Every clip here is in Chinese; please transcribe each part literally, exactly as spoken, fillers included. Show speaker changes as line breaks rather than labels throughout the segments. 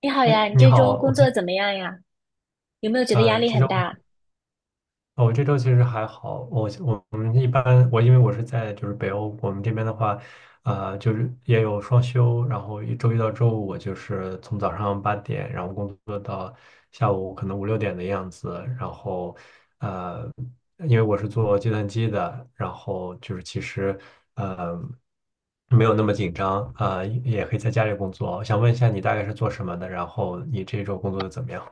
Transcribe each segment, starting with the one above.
你好
哎，
呀，你
你
这周
好，
工
我这
作怎么样呀？有没有觉得压
呃，
力
其实
很
我
大？
我这周其实还好，我我我们一般我因为我是在就是北欧，我们这边的话，呃，就是也有双休，然后一周一到周五我就是从早上八点，然后工作到下午可能五六点的样子，然后呃，因为我是做计算机的，然后就是其实呃没有那么紧张，呃，也可以在家里工作。想问一下你大概是做什么的，然后你这周工作的怎么样？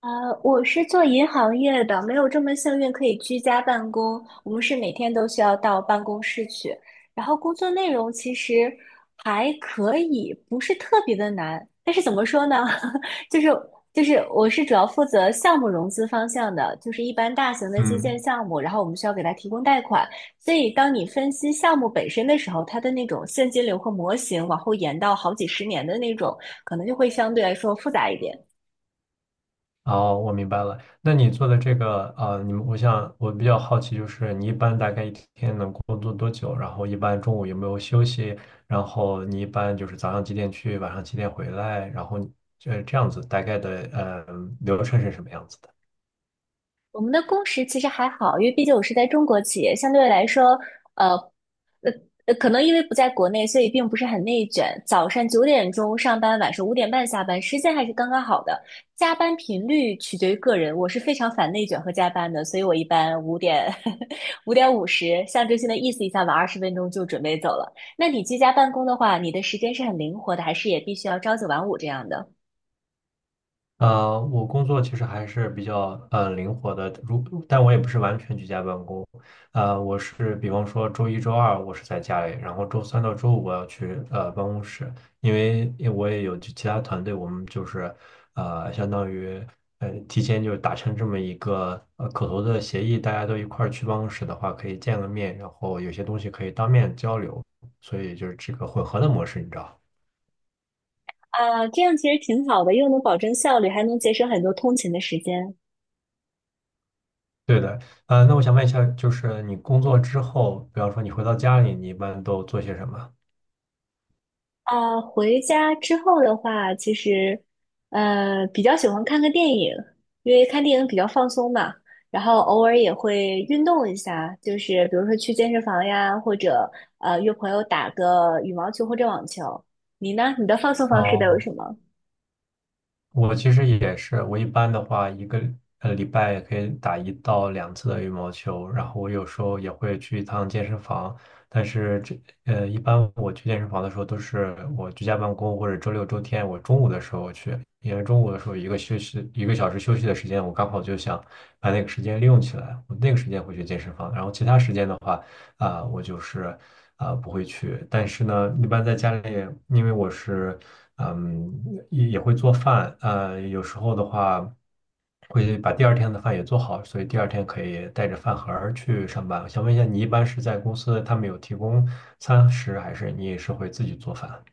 呃，我是做银行业的，没有这么幸运可以居家办公。我们是每天都需要到办公室去，然后工作内容其实还可以，不是特别的难。但是怎么说呢？就是就是，我是主要负责项目融资方向的，就是一般大型的基建
嗯。
项目，然后我们需要给它提供贷款。所以当你分析项目本身的时候，它的那种现金流和模型往后延到好几十年的那种，可能就会相对来说复杂一点。
哦，我明白了。那你做的这个，呃，你们，我想我比较好奇，就是你一般大概一天能工作多久？然后一般中午有没有休息？然后你一般就是早上几点去，晚上几点回来？然后这这样子大概的，呃，流程是什么样子的？
我们的工时其实还好，因为毕竟我是在中国企业，相对来说，呃，呃可能因为不在国内，所以并不是很内卷。早上九点钟上班，晚上五点半下班，时间还是刚刚好的。加班频率取决于个人，我是非常反内卷和加班的，所以我一般五点五 点五十象征性的意思一下，晚二十分钟就准备走了。那你居家办公的话，你的时间是很灵活的，还是也必须要朝九晚五这样的？
呃，我工作其实还是比较呃灵活的，如但我也不是完全居家办公，呃，我是比方说周一周二我是在家里，然后周三到周五我要去呃办公室，因为因为我也有其他团队，我们就是呃相当于呃提前就达成这么一个呃口头的协议，大家都一块儿去办公室的话可以见个面，然后有些东西可以当面交流，所以就是这个混合的模式，你知道。
啊，这样其实挺好的，又能保证效率，还能节省很多通勤的时间。
对的，呃，那我想问一下，就是你工作之后，比方说你回到家里，你一般都做些什么？
啊，回家之后的话，其实，呃，比较喜欢看个电影，因为看电影比较放松嘛。然后偶尔也会运动一下，就是比如说去健身房呀，或者呃约朋友打个羽毛球或者网球。你呢？你的放松方式都有什
哦，
么？
我其实也是，我一般的话，一个呃礼拜也可以打一到两次的羽毛球，然后我有时候也会去一趟健身房，但是这呃，一般我去健身房的时候都是我居家办公或者周六周天，我中午的时候去，因为中午的时候一个休息一个小时休息的时间，我刚好就想把那个时间利用起来，我那个时间会去健身房，然后其他时间的话，啊、我就是啊、不会去，但是呢，一般在家里，因为我是。嗯，也也会做饭，呃，有时候的话会把第二天的饭也做好，所以第二天可以带着饭盒儿去上班。我想问一下，你一般是在公司他们有提供餐食，还是你也是会自己做饭？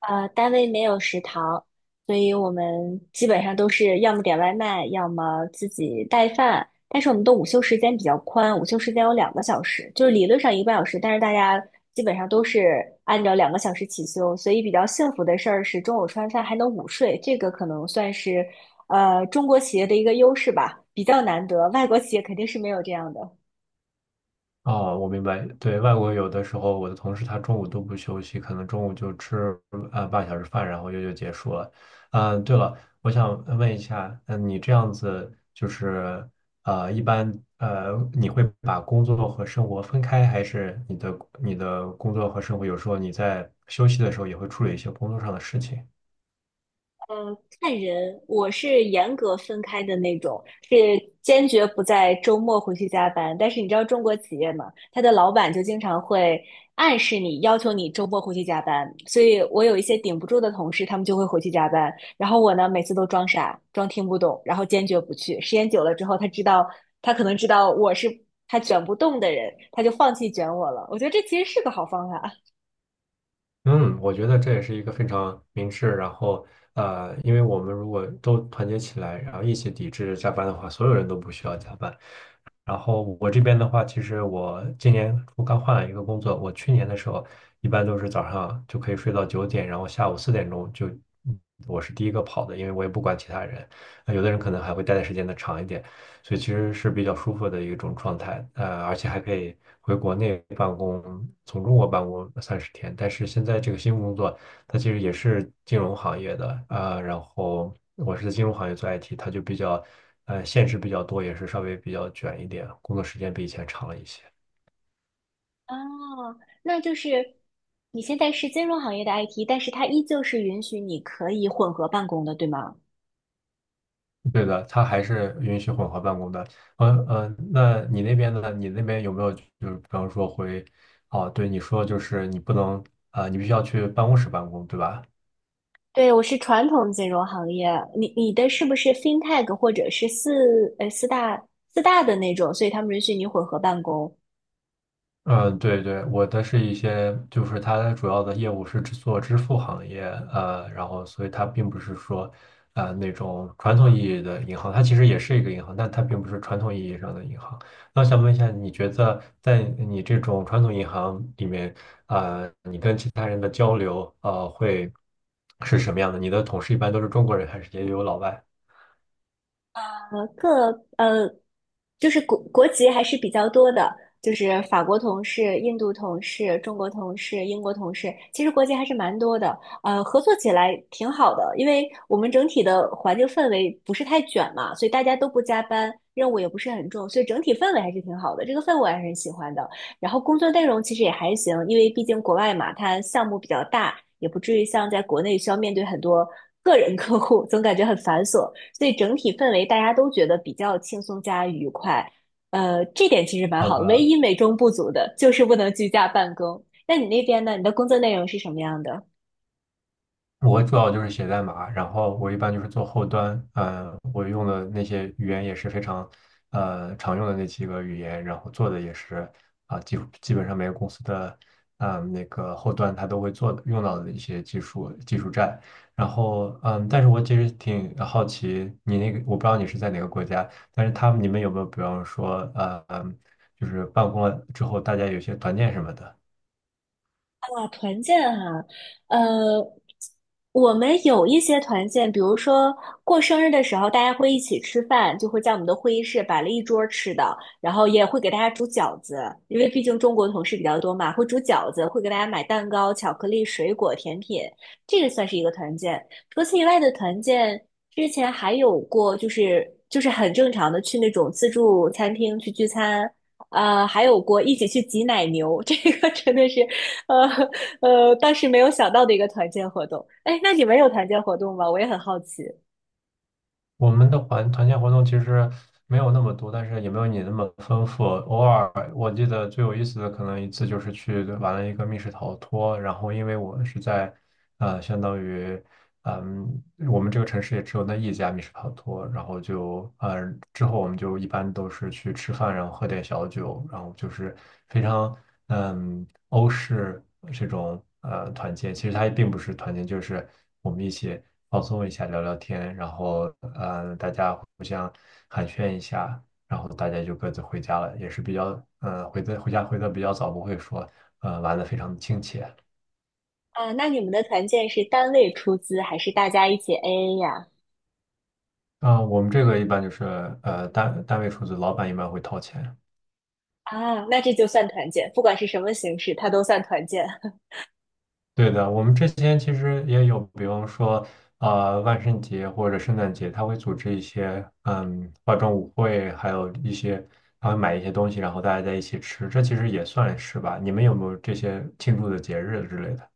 呃，单位没有食堂，所以我们基本上都是要么点外卖，要么自己带饭。但是我们的午休时间比较宽，午休时间有两个小时，就是理论上一个半小时，但是大家基本上都是按照两个小时起休。所以比较幸福的事儿是中午吃完饭还能午睡，这个可能算是呃中国企业的一个优势吧，比较难得，外国企业肯定是没有这样的。
哦，我明白。对，外国有的时候，我的同事他中午都不休息，可能中午就吃啊呃半小时饭，然后就就结束了。嗯，对了，我想问一下，嗯，你这样子就是呃，一般呃，你会把工作和生活分开，还是你的你的工作和生活有时候你在休息的时候也会处理一些工作上的事情？
呃，看人，我是严格分开的那种，是坚决不在周末回去加班。但是你知道中国企业嘛，他的老板就经常会暗示你，要求你周末回去加班。所以我有一些顶不住的同事，他们就会回去加班。然后我呢，每次都装傻，装听不懂，然后坚决不去。时间久了之后，他知道，他可能知道我是他卷不动的人，他就放弃卷我了。我觉得这其实是个好方法。
嗯，我觉得这也是一个非常明智，然后呃，因为我们如果都团结起来，然后一起抵制加班的话，所有人都不需要加班。然后我这边的话，其实我今年我刚换了一个工作，我去年的时候一般都是早上就可以睡到九点，然后下午四点钟就，嗯我是第一个跑的，因为我也不管其他人，呃有的人可能还会待的时间的长一点，所以其实是比较舒服的一种状态，呃，而且还可以回国内办公，从中国办公三十天，但是现在这个新工作。他其实也是金融行业的啊、呃然后我是在金融行业做 I T，他就比较呃限制比较多，也是稍微比较卷一点，工作时间比以前长了一些。
哦，那就是你现在是金融行业的 I T，但是它依旧是允许你可以混合办公的，对吗？
对的，他还是允许混合办公的。呃呃，那你那边呢？你那边有没有就是比方说回哦，对你说就是你不能啊、呃你必须要去办公室办公，对吧？
对，我是传统金融行业，你你的是不是 FinTech 或者是四呃四大四大的那种，所以他们允许你混合办公，
嗯，对对，我的是一些，就是它的主要的业务是支做支付行业，呃，然后所以它并不是说，呃，那种传统意义的银行，它其实也是一个银行，但它并不是传统意义上的银行。那想问一下，你觉得在你这种传统银行里面，呃，你跟其他人的交流，呃，会是什么样的？你的同事一般都是中国人，还是也有老外？
呃，各呃，就是国国籍还是比较多的，就是法国同事、印度同事、中国同事、英国同事，其实国籍还是蛮多的。呃，合作起来挺好的，因为我们整体的环境氛围不是太卷嘛，所以大家都不加班，任务也不是很重，所以整体氛围还是挺好的。这个氛围我还是很喜欢的。然后工作内容其实也还行，因为毕竟国外嘛，它项目比较大，也不至于像在国内需要面对很多个人客户，总感觉很繁琐。所以整体氛围大家都觉得比较轻松加愉快。呃，这点其实蛮
好
好的，唯
的，
一美中不足的就是不能居家办公。那你那边呢？你的工作内容是什么样的？
我主要就是写代码，然后我一般就是做后端，嗯、我用的那些语言也是非常，呃，常用的那几个语言，然后做的也是啊，基基本上每个公司的，嗯、那个后端它都会做的用到的一些技术技术栈，然后嗯，但是我其实挺好奇你那个，我不知道你是在哪个国家，但是他们你们有没有比方说，呃，嗯就是办公了之后大家有些团建什么的？
啊团建哈，呃，我们有一些团建，比如说过生日的时候，大家会一起吃饭，就会在我们的会议室摆了一桌吃的，然后也会给大家煮饺子，因为毕竟中国同事比较多嘛，会煮饺子，会给大家买蛋糕、巧克力、水果、甜品，这个算是一个团建。除此以外的团建，之前还有过，就是就是很正常的去那种自助餐厅去聚餐。呃，还有过一起去挤奶牛，这个真的是，呃，呃，当时没有想到的一个团建活动。哎，那你们有团建活动吗？我也很好奇。
我们的环团建活动其实没有那么多，但是也没有你那么丰富。偶尔我记得最有意思的可能一次就是去玩了一个密室逃脱，然后因为我是在呃相当于嗯，我们这个城市也只有那一家密室逃脱，然后就，呃，之后我们就一般都是去吃饭，然后喝点小酒，然后就是非常，嗯，欧式这种呃团建，其实它也并不是团建，就是我们一起放松一下，聊聊天，然后，呃，大家互相寒暄一下，然后大家就各自回家了，也是比较，呃，回的回家回的比较早，不会说，呃，玩的非常亲切。
啊，那你们的团建是单位出资还是大家一起 A A 呀？
啊，我们这个一般就是呃单单位出资，老板一般会掏钱。
啊，那这就算团建，不管是什么形式，它都算团建。
对的，我们之前其实也有，比方说啊，万圣节或者圣诞节，他会组织一些嗯化妆舞会，还有一些他会买一些东西，然后大家在一起吃，这其实也算是吧。你们有没有这些庆祝的节日之类的？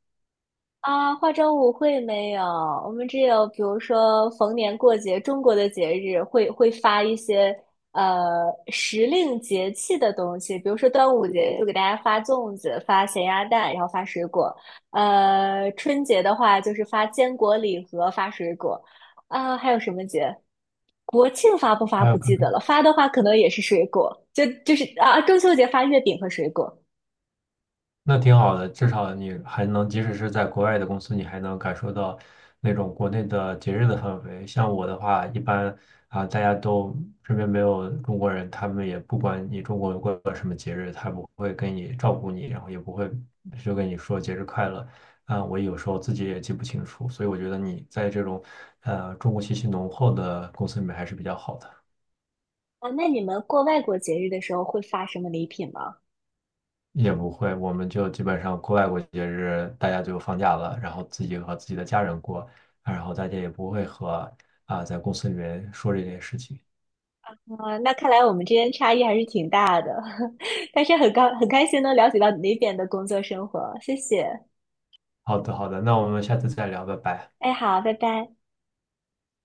啊，化妆舞会没有，我们只有比如说逢年过节，中国的节日会会发一些呃时令节气的东西，比如说端午节就给大家发粽子、发咸鸭蛋，然后发水果。呃，春节的话就是发坚果礼盒、发水果。啊，还有什么节？国庆发不发
还
不
有。
记得了，发的话可能也是水果，就就是啊，中秋节发月饼和水果。
那挺好的，至少你还能，即使是在国外的公司，你还能感受到那种国内的节日的氛围。像我的话，一般啊，大家都这边没有中国人，他们也不管你中国人过个什么节日，他不会跟你照顾你，然后也不会就跟你说节日快乐。啊，我有时候自己也记不清楚，所以我觉得你在这种呃中国气息浓厚的公司里面还是比较好的。
啊，那你们过外国节日的时候会发什么礼品吗？
也不会，我们就基本上国外过节日，大家就放假了，然后自己和自己的家人过，然后大家也不会和啊、在公司里面说这件事情。
啊，那看来我们之间差异还是挺大的，但是很高很开心能了解到你那边的工作生活，谢谢。
好的，好的，那我们下次再聊，拜拜。
哎，好，拜拜。